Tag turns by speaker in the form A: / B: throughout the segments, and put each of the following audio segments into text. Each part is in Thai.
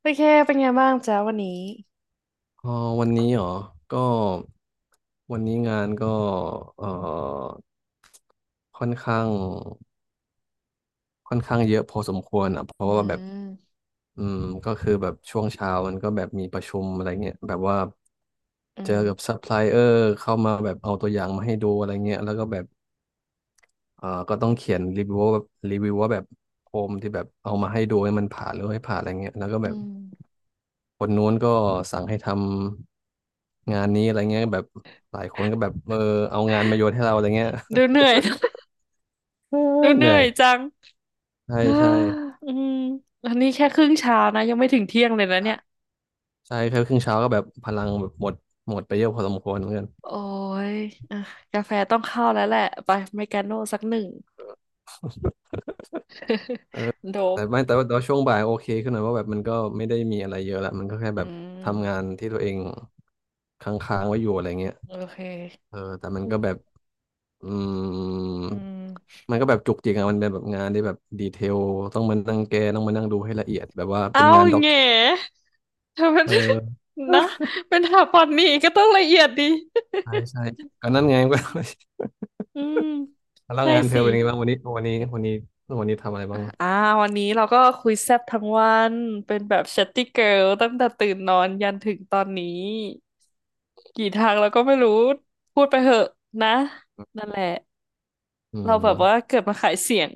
A: โอเคเป็นไงบ้างจ้าวันนี้
B: เออวันนี้เหรอก็วันนี้งานก็เออค่อนข้างค่อนข้างเยอะพอสมควรอ่ะเพ
A: อื
B: ราะว่าแบบ
A: ม
B: อืมก็คือแบบช่วงเช้ามันก็แบบมีประชุมอะไรเงี้ยแบบว่า
A: อื
B: เจอกับ
A: ม
B: ซัพพลายเออร์เข้ามาแบบเอาตัวอย่างมาให้ดูอะไรเงี้ยแล้วก็แบบก็ต้องเขียนรีวิวว่าแบบรีวิวว่าแบบโฮมที่แบบเอามาให้ดูให้มันผ่านหรือไม่ผ่านอะไรเงี้ยแล้วก็แบ
A: อื
B: บ
A: ม
B: คนนู้นก็สั่งให้ทำงานนี้อะไรเงี้ยแบบหลายคนก็แบบเอางานมาโยนให้เราอะไรเงี้ย
A: ดูเหนื่ อย
B: เอ
A: ดู
B: อ
A: เห
B: เห
A: นื่
B: นื่
A: อ
B: อย
A: ยจัง
B: ใช่
A: อ้า
B: ใช่
A: อืมอันนี้แค่ครึ่งเช้านะยังไม่ถึงเที่ยงเลยนะเนี่ย
B: ใช่แค่ครึ่งเช้าก็แบบพลังแบบหมดหมดไปเยอะพอสมควรเหมือนกัน
A: โอ้ยอ่ะกาแฟต้องเข้าแล้วแหละไปเมกาโน่สักหนึ่ง โดบ
B: แต่ว่าช่วงบ่ายโอเคขึ้นหน่อยว่าแบบมันก็ไม่ได้มีอะไรเยอะละมันก็แค่
A: อื
B: แบบทำงา
A: ม
B: นที่ตัวเองค้างๆไว้อยู่อะไรเงี้ย
A: โอเค
B: แต่มันก็แบบอืม
A: อืม
B: มันก็แบบจุกจิกอะมันเป็นแบบงานที่แบบดีเทลต้องมานั่งแก้ต้องมานั่งดูให้ละเอียดแบบว่าเป็
A: เอา
B: นงานด็อก
A: แง่เธอเป็น
B: เออ
A: นะเป็นถาปอนนี่ก็ต้องละเอียดดี
B: ใช่ใช่ก็นั่นไง
A: อืม
B: ก็
A: อืม
B: แล้ว
A: ใช่
B: งานเธ
A: สิ
B: อเป็นยังไงบ้างวันนี้วันนี้ทำอะไรบ้าง
A: อ่าวันนี้เราก็คุยแซ่บทั้งวันเป็นแบบ chatty girl ตั้งแต่ตื่นนอนยันถึงตอนนี้กี่ทางเราก็ไม่รู้พูดไปเหอะนะนั่นแหละ
B: อื
A: เราแบบว่า
B: ม
A: เกิดมาขายเสียง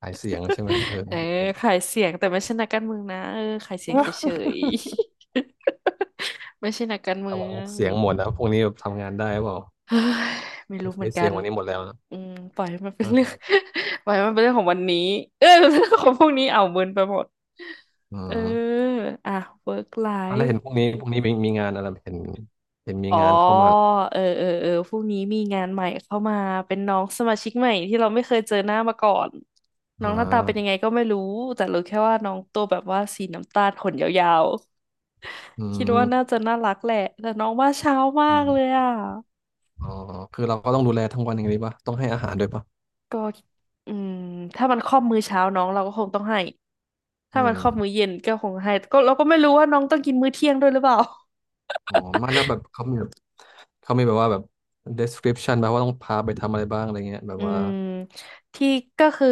B: ขายเสียงใช่ไหม
A: เออขายเสียงแต่ไม่ใช่นักการเมืองนะเออขายเสียงเฉยๆ ไม่ใช่นักการเมื
B: ระวัง
A: อง
B: เสียงหมดนะพวกนี้แบบทำงานได้หรือเปล่า
A: เฮ้ยไม่
B: ไม่
A: รู้เหมื
B: ใช้
A: อนกั
B: เสียง
A: น
B: วันนี้หมดแล้วนะ
A: อืมปล่อยให้มันเป็นเรื่อง
B: เออ
A: ปล่อยให้มันเป็นเรื่องของวันนี้เออเรื่องของพวกนี้เอาเมินไปหมด
B: อื
A: เออ
B: ม
A: อ่ะ work
B: อ่ะแล้ว
A: life
B: เห็นพวกนี้พวกนี้มีมีงานอะไรเห็นมี
A: อ๋อ
B: งานเข้ามา
A: เออพรุ่งนี้มีงานใหม่เข้ามาเป็นน้องสมาชิกใหม่ที่เราไม่เคยเจอหน้ามาก่อนน้
B: อ่
A: องหน้าตาเป็นยังไง
B: า
A: ก็ไม่รู้แต่รู้แค่ว่าน้องตัวแบบว่าสีน้ำตาลขนยาว
B: อื
A: ๆคิดว่าน่า
B: ม
A: จะน่ารักแหละแต่น้องว่าเช้ามา
B: อ
A: กเลย
B: ม
A: อ่ะ
B: อ๋อคือเราก็ต้องดูแลทั้งวันอย่างนี้ป่ะต้องให้อาหารด้วยป่ะ
A: ก็อืมถ้ามันครอบมื้อเช้าน้องเราก็คงต้องให้
B: อื
A: ถ้ามัน
B: ม
A: ครอบมื้อเย็นก็คงให้ก็เราก็ไม่รู้ว่าน้องต้องกินมื้อเที่ยงด้วยหรือเปล่า
B: อ๋อไม่แล้วแบบเขามีแบบเขามีแบบว่าแบบ description แบบว่าต้องพาไปทำอะไรบ้างอะไรเงี้ยแบบ
A: อื
B: ว่า
A: มที่ก็คือ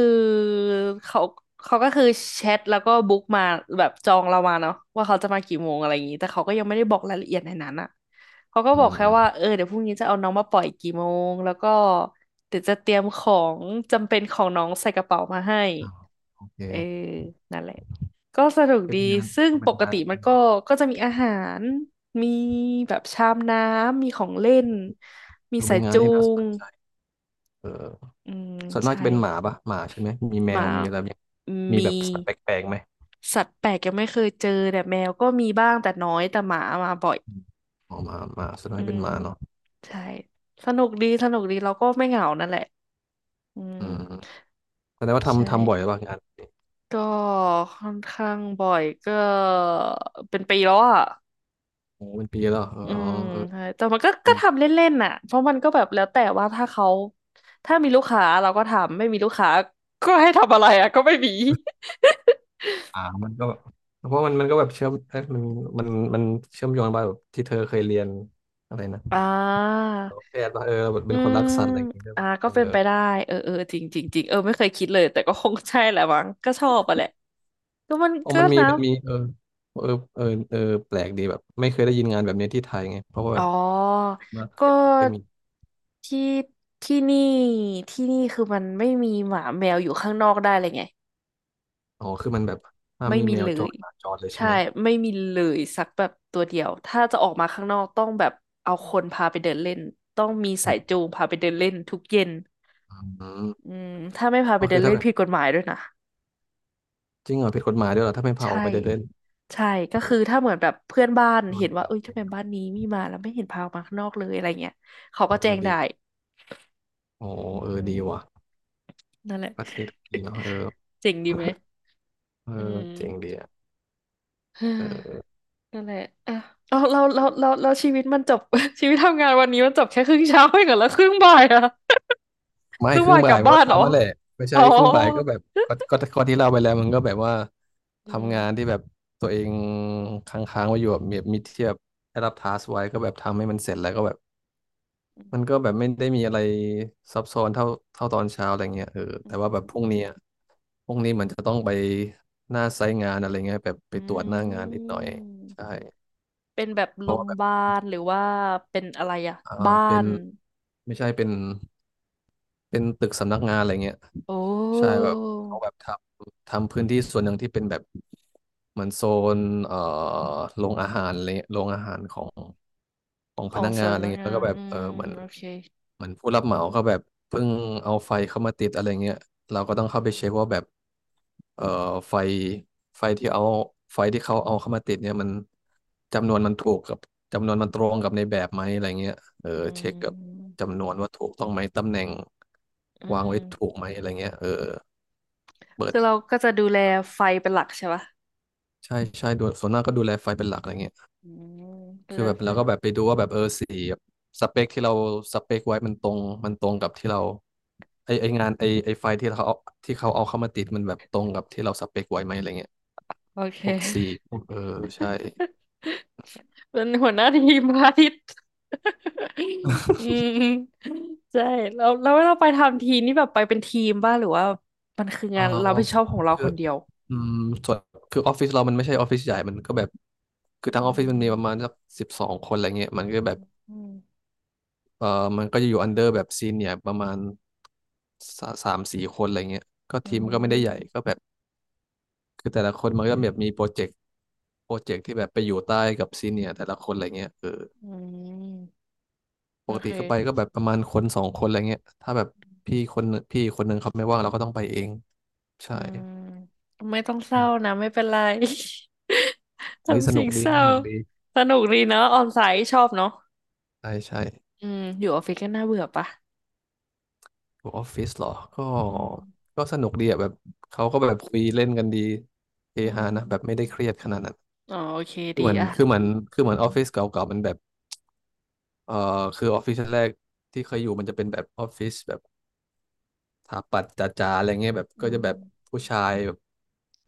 A: เขาเขาก็คือแชทแล้วก็บุ๊กมาแบบจองเรามาเนาะว่าเขาจะมากี่โมงอะไรอย่างนี้แต่เขาก็ยังไม่ได้บอกรายละเอียดในนั้นอ่ะเขาก็
B: อื
A: บอก
B: ม
A: แค่
B: อืม
A: ว่าเออเดี๋ยวพรุ่งนี้จะเอาน้องมาปล่อยกี่โมงแล้วก็เดี๋ยวจะเตรียมของจำเป็นของน้องใส่กระเป๋ามาให้
B: อ้าวโอเค
A: เออนั่นแหละก็สนุก
B: เป็
A: ดี
B: นงานเ
A: ซึ่ง
B: ป็
A: ป
B: น
A: ก
B: งาน
A: ติมันก็ก็จะมีอาหารมีแบบชามน้ำมีของเล่นมี
B: ดู
A: สา
B: เป็น
A: ย
B: งาน
A: จู
B: ที่น่าส
A: ง
B: นใจเออ
A: อืม
B: ส่วนมาก
A: ใช่
B: จะเป็นหมาปะหมาใช่ไหม มีแม
A: ห
B: ว
A: มา
B: มีอะไรแบบเนี้ยมีแบ
A: มี
B: บสัตว์แปลกๆไหม
A: สัตว์แปลกยังไม่เคยเจอแต่แมวก็มีบ้างแต่น้อยแต่หมามาบ่อย
B: อมอ๋อหมาหมาส่วน
A: อื
B: มากเป็
A: ม
B: นหมาเนาะ
A: ใช่สนุกดีสนุกดีเราก็ไม่เหงานั่นแหละอืม
B: อืมแสดงว่า
A: ใช่
B: ทำบ่อยป่ะงาน
A: ก็ค่อนข้างบ่อยก็เป็นปีแล้วอ่ะ
B: โอ้เป็นปีแล้วเหรอเอ
A: อื
B: อ
A: ม
B: เออ
A: ใช่แต่มันก็ก็
B: ปี
A: ทำเล่นๆน่ะเพราะมันก็แบบแล้วแต่ว่าถ้าเขาถ้ามีลูกค้าเราก็ทำไม่มีลูกค้าก็ให้ทำอะไรอ่ะก็ไม่มี
B: อ่ามันก็แบบเพราะมันก็แบบเชื่อมเอ๊ะมันมันเชื่อมโยงไปแบบที่เธอเคยเรียนอะไรนะ
A: อ่า
B: แพทย์ป่ะเออแบบ
A: อื
B: เป็นคน
A: ม
B: รักสัตว์อะไรอย่างงี้ด้วย
A: อ่า
B: ป่ะ
A: ก็
B: เออ
A: เป็นไปได้เออเออจริงจริงจริงเออไม่เคยคิดเลยแต่ก็คงใช่แหละมั้งก็ชอบอะแหละก็มัน
B: อ๋อ
A: ก็
B: มันมี
A: นะ
B: มันมีเออเออเออแปลกดีแบบไม่เคยได้ยินงานแบบนี้ที่ไทยไงเพราะว่า
A: อ๋
B: แบ
A: อ
B: บมาไท
A: ก็
B: ยไม่มี
A: ที่ที่นี่ที่นี่คือมันไม่มีหมาแมวอยู่ข้างนอกได้เลยไง
B: อ๋อคือมันแบบห้าม
A: ไม่
B: มี
A: มี
B: แมว
A: เล
B: จ
A: ย
B: รหมาจรเลยใช่
A: ใช่
B: ไหม
A: ไม่มีเลยสักแบบตัวเดียวถ้าจะออกมาข้างนอกต้องแบบเอาคนพาไปเดินเล่นต้องมี
B: อื
A: สาย
B: ม
A: จูงพาไปเดินเล่นทุกเย็น
B: อื
A: อื
B: ม
A: มถ้าไม่พาไป
B: ก็
A: เดิ
B: คือ
A: น
B: ถ้า
A: เล่น
B: แบบ
A: ผิดกฎหมายด้วยนะ
B: จริงเหรอผิดกฎหมายด้วยเหรอถ้าไม่พาออ
A: ใช่
B: กไปเดินเล่น
A: ใช่ก็
B: โอ้
A: คือถ้าเหมือนแบบเพื่อนบ้าน
B: โด
A: เห็
B: น
A: น
B: ป
A: ว่า
B: รั
A: เอ้
B: บ
A: ย
B: เล
A: ทำ
B: ย
A: ไม
B: นะ
A: บ้านนี้มีมาแล้วไม่เห็นพาออกมาข้างนอกเลยอะไรเงี้ยเขา
B: เอ
A: ก็แจ้
B: อ
A: ง
B: ดี
A: ได้
B: โอ้
A: อื
B: เออดีว่ะ
A: มนั่นแหละ
B: ประเทศดีเนาะเออ
A: เจ๋งดีไหม
B: เออ
A: อื
B: เจ๋งดีอ่ะ
A: ม
B: เออ
A: นั่นแหละอ่ะเอาเราชีวิตมันจบ ชีวิตทำงานวันนี้มันจบแค่ครึ่งเช้าเองเหรอแล้วครึ่งบ่ายอะ
B: ไม่
A: ครึ่ง
B: ครึ่
A: บ่า
B: ง
A: ยก
B: บ่า
A: ลั
B: ย
A: บ
B: มัน
A: บ้า
B: ก็
A: นเหรอ
B: ทำมาแหละไม่
A: อ๋
B: ใช่
A: อ
B: ครึ่งบ่ายก็แบบก็ที่เล่าไปแล้วมันก็แบบว่า
A: อืม
B: ทำงานที่แบบตัวเองค้างๆไว้อยู่แบบมีเทียบได้รับทาสไว้ก็แบบทำให้มันเสร็จแล้วก็แบบ
A: อื
B: มันก็
A: ม
B: แบบไม่ได้มีอะไรซับซ้อนเท่าตอนเช้าอะไรเงี้ย
A: อื
B: แต่ว่าแบบพรุ่ง
A: ม
B: นี้อะพรุ่งนี้มันจะต้องไปหน้าไซต์งานอะไรเงี้ยแบบไป
A: อื
B: ตรวจหน้างานนิดหน่อยใช่
A: มเป็นแบบ
B: เพ
A: โร
B: ราะ
A: ง
B: ว่า
A: พ
B: แบ
A: ยา
B: บ
A: บาลหรือว่าเป็นอะไรอะ
B: อ่า
A: บ้า
B: เป็น
A: น
B: ไม่ใช่เป็น เป็นตึกสำนักงานอะไรเงี้ย
A: โอ
B: ใช่
A: ้
B: แบบเขาแบบทำพื้นที่ส่วนหนึ่งที่เป็นแบบเหมือนโซนเอ่อโรงอาหารอะไรเงี้ยโรงอาหารของ ของ
A: ข
B: พ
A: อง
B: นักงานอะไร
A: สำนัก
B: เงี้ยแล้
A: งา
B: วก็
A: น
B: แบบเออเหมือน
A: โอเค
B: ผู้รับเหมาก็แบบเพิ่งเอาไฟเข้ามาติดอะไรเงี้ยเราก็ต้องเข้าไปเช็คว่าแบบเอ่อไฟไฟที่เอาไฟที่เขาเอาเข้ามาติดเนี่ยมันจำนวนมันถูกกับจำนวนมันตรงกับในแบบไหมอะไรเงี้ยเออ
A: อื
B: เช็คกับ
A: ม
B: จำนวนว่าถูกต้องไหมตำแหน่ง
A: อื
B: วาง
A: ม
B: ไว้ถูกไหมอะไรเงี้ยเออเปิด
A: คือเราก็จะดูแลไฟเป็นหลักใช่ปะ
B: ใช่ใช่ดูส่วนหน้ากก็ดูแลไฟเป็นหลักอะไรเงี้ย
A: อืมดู
B: คือ
A: แล
B: แบบ
A: ไฟ
B: เรา
A: ล
B: ก็แบบไปดูว่าแบบเออสีแบบสเปคที่เราสเปคไว้มันตรงกับที่เราไอไองานไอไอไฟล์ที่เขาเอาเข้ามาติดมันแบบตรงกับที่เราสเปคไว้ไหมอะไรเงี้ย
A: โอเค
B: พวกสีพวกเออใช่
A: เป็นหัวหน้าทีมพระอาทิตย์ อืมใช่แล้วแล้วเราไปทำทีนี่แบบไปเป็นทีมบ้างหรือว่ามันคือ
B: เออ
A: งานเราไม่ชอบของเรา
B: คือ
A: คนเดียว
B: อืมส่วนคือออฟฟิศเรามันไม่ใช่ออฟฟิศใหญ่มันก็แบบคือทั้ง
A: อื
B: ออฟฟิศมันมีประมาณ
A: ม
B: สัก12 คนอะไรเงี้ยมันก็แบบ
A: อืม
B: เออมันก็จะอยู่อันเดอร์แบบซีเนียประมาณสามสี่คนอะไรเงี้ยก็
A: อื
B: ทีมก็ไม่ได้
A: ม
B: ใหญ่ก็แบบคือแต่ละคน
A: โอ
B: มัน
A: เค
B: ก็แบบมีโปรเจกต์ โปรเจกต์ที่แบบไปอยู่ใต้กับซีเนียร์แต่ละคนอะไรเงี้ยเออ
A: อืม
B: ป
A: โอ
B: กติ
A: เค
B: ก็ไปก็แบบประมาณคนสองคนอะไรเงี้ยถ้าแบบพี่คนหนึ่งเขาไม่ว่างเราก็ต้องไปเองใช่
A: อืมไม่ต้องเศ
B: อื
A: ร้า
B: ม
A: นะไม่เป็นไร
B: เฮ้ยส
A: ทำ
B: นุ
A: สิ่
B: ก
A: ง
B: ดี
A: เศร้า
B: สนุกดี
A: สนุกดีเนาะออนไซต์ชอบเนาะ
B: ใช่ใช่
A: อืมอยู่ออฟฟิศก็น่าเบื่อปะ
B: อยูออฟฟิศเหรอก็
A: อืม
B: ก็สนุกดีอ่ะแบบเขาก็แบบคุยเล่นกันดีเฮ
A: อื
B: ฮานะแบบไม่
A: ม
B: ได้เครียดขนาดนั้น
A: อ๋อโอเค
B: คือ
A: ดี
B: เหมือน
A: อ่ะ
B: คือเหมือนคือ
A: อื
B: เหมือน
A: ม
B: ออฟฟิศเก่าๆมันแบบเอ่อคือออฟฟิศแรกที่เคยอยู่มันจะเป็นแบบออฟฟิศแบบ สถาปัตย์จ๋าๆอะไรเงี้ยแบบ
A: อื
B: ก็จะ
A: ม
B: แบบผู้ชายแบบ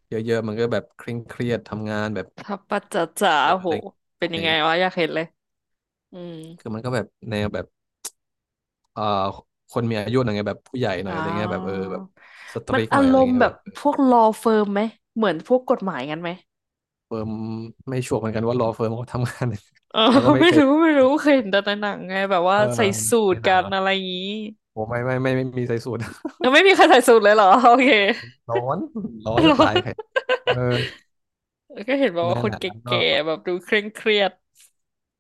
B: เยอะๆมันก็แบบเคร่งเครียดทำงานแบบ
A: ทับปัจจาจา
B: เอออะ
A: โห
B: ไร
A: เป็น
B: ใช่
A: ยังไงวะอยากเห็นเลยอืม
B: คือมันก็แบบแนวแบบเอ่อคนมีอายุหน่อยไงแบบผู้ใหญ่หน่อ
A: อ้า
B: ยอะไรเงี้ยแบบเออ
A: ว
B: แบบสต
A: มั
B: ริ
A: น
B: ก
A: อา
B: หน่อยอะ
A: ร
B: ไร
A: มณ์
B: เงี้ย
A: แบ
B: แบ
A: บ
B: บ
A: พวก law firm ไหมเหมือนพวกกฎหมายกันไหม
B: เฟิร์มไม่ชัวร์เหมือนกันว่าลอเฟิร์มเขาทำงาน
A: เออ
B: เราก็ ไม่
A: ไม่
B: เคย
A: รู้ไม่รู้เคยเห็นแต่ในหนังไงแบบว่า
B: เออ
A: ใส่สู
B: ใน
A: ท
B: หนั
A: กั
B: ง
A: น
B: เหรอ
A: อะไรอย่างนี้
B: โอ้ไม่ไม่ไม่ไม่ไมมีใส่สูท
A: แล้วไม่มีใครใส่สูทเลยเหรอ โอเค
B: ร้อนร้อน
A: เหร
B: จะ
A: อ
B: ตายใครเออ
A: แล้วก็เห็นบอก
B: นั่
A: ว่า
B: น
A: ค
B: แห
A: น
B: ละ
A: แ
B: แล้วก็
A: ก่ๆแบบดูเคร่งเครียด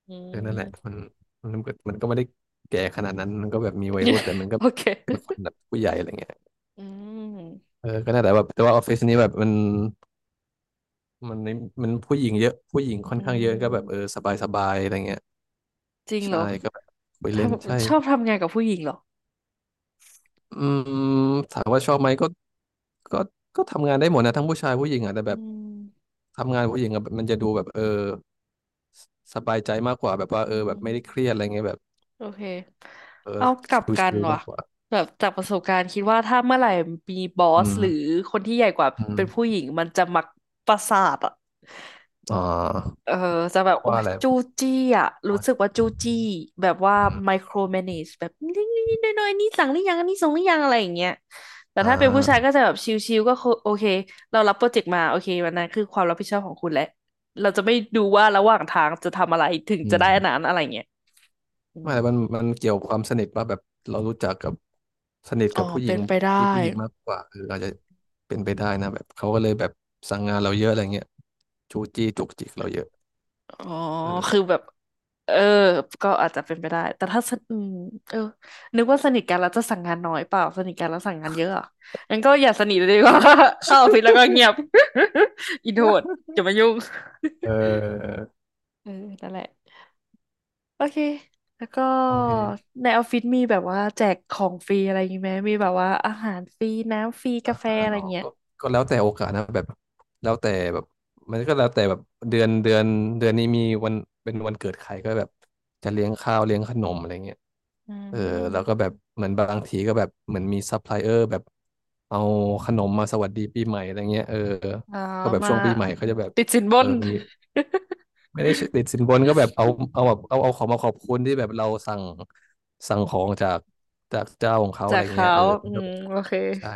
A: อื
B: เออนั่
A: ม
B: นแหละมันมันก็ไม่ได้แก่ขนาดนั้นมันก็แบบมีวัยรุ่นแต่มั นก็
A: โอเค
B: เป็นคนแบบผู้ใหญ่อะไรเงี้ย
A: อืม
B: เออก็น่าแต่แบบแต่ว่าออฟฟิศนี้แบบมันมันผู้หญิงเยอะผู้หญิงค่อน
A: อื
B: ข้างเยอะก็แบบเออ
A: ม
B: สบายสบายอะไรเงี้ย
A: จริงเหร
B: ใช่
A: อ
B: ก็แบบคุย
A: ท
B: เล่นใช่
A: ำชอบทำงานกับผู้หญิงเหรอ
B: อืมถามว่าชอบไหมก็ก็ทำงานได้หมดนะทั้งผู้ชายผู้หญิงอ่ะแต่แบ
A: อื
B: บ
A: ม
B: ทำงานผู้หญิงอะมันจะดูแบบเออสบายใจมากกว่าแบบว่า
A: อื
B: เออแบบ
A: ม
B: ไม่ได้เครียดอะไรเงี้ยแบบ
A: โอเค
B: เออ
A: เอากลับกัน
B: ชิลๆ
A: ว่ะ
B: มากกว่า
A: แบบจากประสบการณ์คิดว่าถ้าเมื่อไหร่มีบอ
B: อื
A: ส
B: ม
A: หรือคนที่ใหญ่กว่า
B: อื
A: เป็นผู้
B: ม
A: หญิงมันจะมักประสาทอ่ะ
B: อ่า
A: เออจะแบ
B: เพ
A: บ
B: ราะ
A: โอ้
B: ว่า
A: ย
B: อะไร
A: จู้จี้อ่ะรู้
B: อ๋
A: สึก
B: อ
A: ว่าจู้จี้แบบว่า
B: อืม
A: ไมโครแมเนจแบบนิดนิดน้อยนอยนี่สั่งหรือยังอันนี่ส่งหรือยังอะไรอย่างเงี้ยแต่
B: อ่
A: ถ้าเป็นผู้ชายก็
B: า
A: จะแบบชิลๆก็คือโอเคเรารับโปรเจกต์มาโอเควันนั้นคือความรับผิดชอบของคุณแหละเราจะไม่ดูว่าระหว่างทางจะทำอะไรถึง
B: อื
A: จะ
B: ม
A: ได้อันนั้นอะไรเงี้ยอื
B: ไม่
A: ม
B: แต่มันเกี่ยวความสนิทป่ะแบบเรารู้จักกับสนิท
A: อ๋อ
B: กับผู้หญิ
A: เป็
B: ง
A: นไปได้
B: ที่ผู้หญิงมากกว่าเอออาจจะเป็นไปได้นะแบบเขาก็เลยแบบสั่งงานเราเยอะอะไรเงี้ยจู้จี้จุกจิกเราเยอะ
A: อ๋อ
B: เออ
A: คือแบบเออก็อาจจะเป็นไปได้ แต่ถ้าสนอืมเออนึกว่าสนิทกันแล้วจะสั่งงานน้อยเปล่า สนิทกันแล้วสั่งงานเยอะเหรองั้นก็อย่าสนิทเลยดีกว่า เข้าออฟฟิศแล้วก็เงียบ อินโทรดอย่ามายุ่ง
B: เออ
A: เออนั่นแหละโอเคแล้วก็
B: โอเค
A: ในออฟฟิศมีแบบว่าแจกของฟรีอะไรอย่างงี้ไหมมีแบบว่าอาหารฟรีน้ำฟรี
B: อา
A: กาแฟ
B: หาร
A: อะไร
B: เหรอ
A: เงี้ย
B: ก็ก็แล้วแต่โอกาสนะแบบแล้วแต่แบบมันก็แล้วแต่แบบเดือนเดือนเดือนนี้มีวันเป็นวันเกิดใครก็แบบจะเลี้ยงข้าวเลี้ยงขนมอะไรเงี้ย
A: อื
B: เออแล้วก็
A: ม
B: แบบเหมือนบางทีก็แบบเหมือนมีซัพพลายเออร์แบบเอาขนมมาสวัสดีปีใหม่อะไรเงี้ยเออ
A: อ่า
B: ก็แบบ
A: มา
B: ช่วงปีใหม่เขาจะแบบ
A: ติดสินบ
B: เออ
A: น
B: มีไม่ได้ติ ดสินบนก็แบบเอาของมาขอบคุณที่แบบเราสั่งของจากเจ้าของเขาอะ
A: จา
B: ไร
A: ก
B: เงี้ย
A: เขา
B: เออ
A: อื
B: ก็
A: ม
B: แบบ
A: โอเค
B: ใช่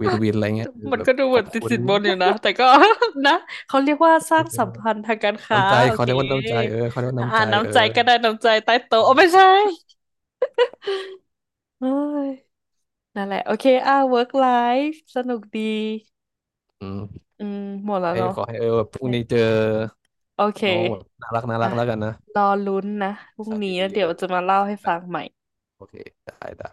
B: วินวินอะไรเงี้ยคือ
A: มัน
B: แบบ
A: ก็ดู
B: ข
A: เหมื
B: อ
A: อ
B: บ
A: นติด
B: คุณ
A: สินบนอยู่นะ แต่ก็ นะเขาเรียกว่าส ร้า
B: ดี
A: ง
B: ใจ
A: สัม
B: มาก
A: พันธ์ทางการค้า
B: น้ำใจ
A: โอ
B: เขา
A: เค
B: เรียกว่าน้ำใจเออเขาเรียกว่า
A: อ่า
B: น้ำใจเอ
A: น้ำ
B: อ
A: ใจก็ได้น้ำใจใต้โต๊ะโอ้ไม่ใช่เอ้ยนั่นแหละ โอเคอ่า work life สนุกดี
B: อืม
A: อืมหม
B: ข
A: ด
B: อ
A: แล้ว
B: ให้
A: เนาะ
B: ขอให้เออแบบพรุ่งนี้เจอ
A: โอเค
B: น้องแบบน่ารักน่ารั
A: อ่ะ
B: กแล้วกันนะ
A: รอลุ้นนะพรุ่ง
B: สาย
A: นี้แล้
B: ดี
A: ว
B: ๆ
A: เดี๋
B: เอ
A: ยว
B: อ
A: จะมาเล่าให้ฟังใหม่
B: โอเคได้ได้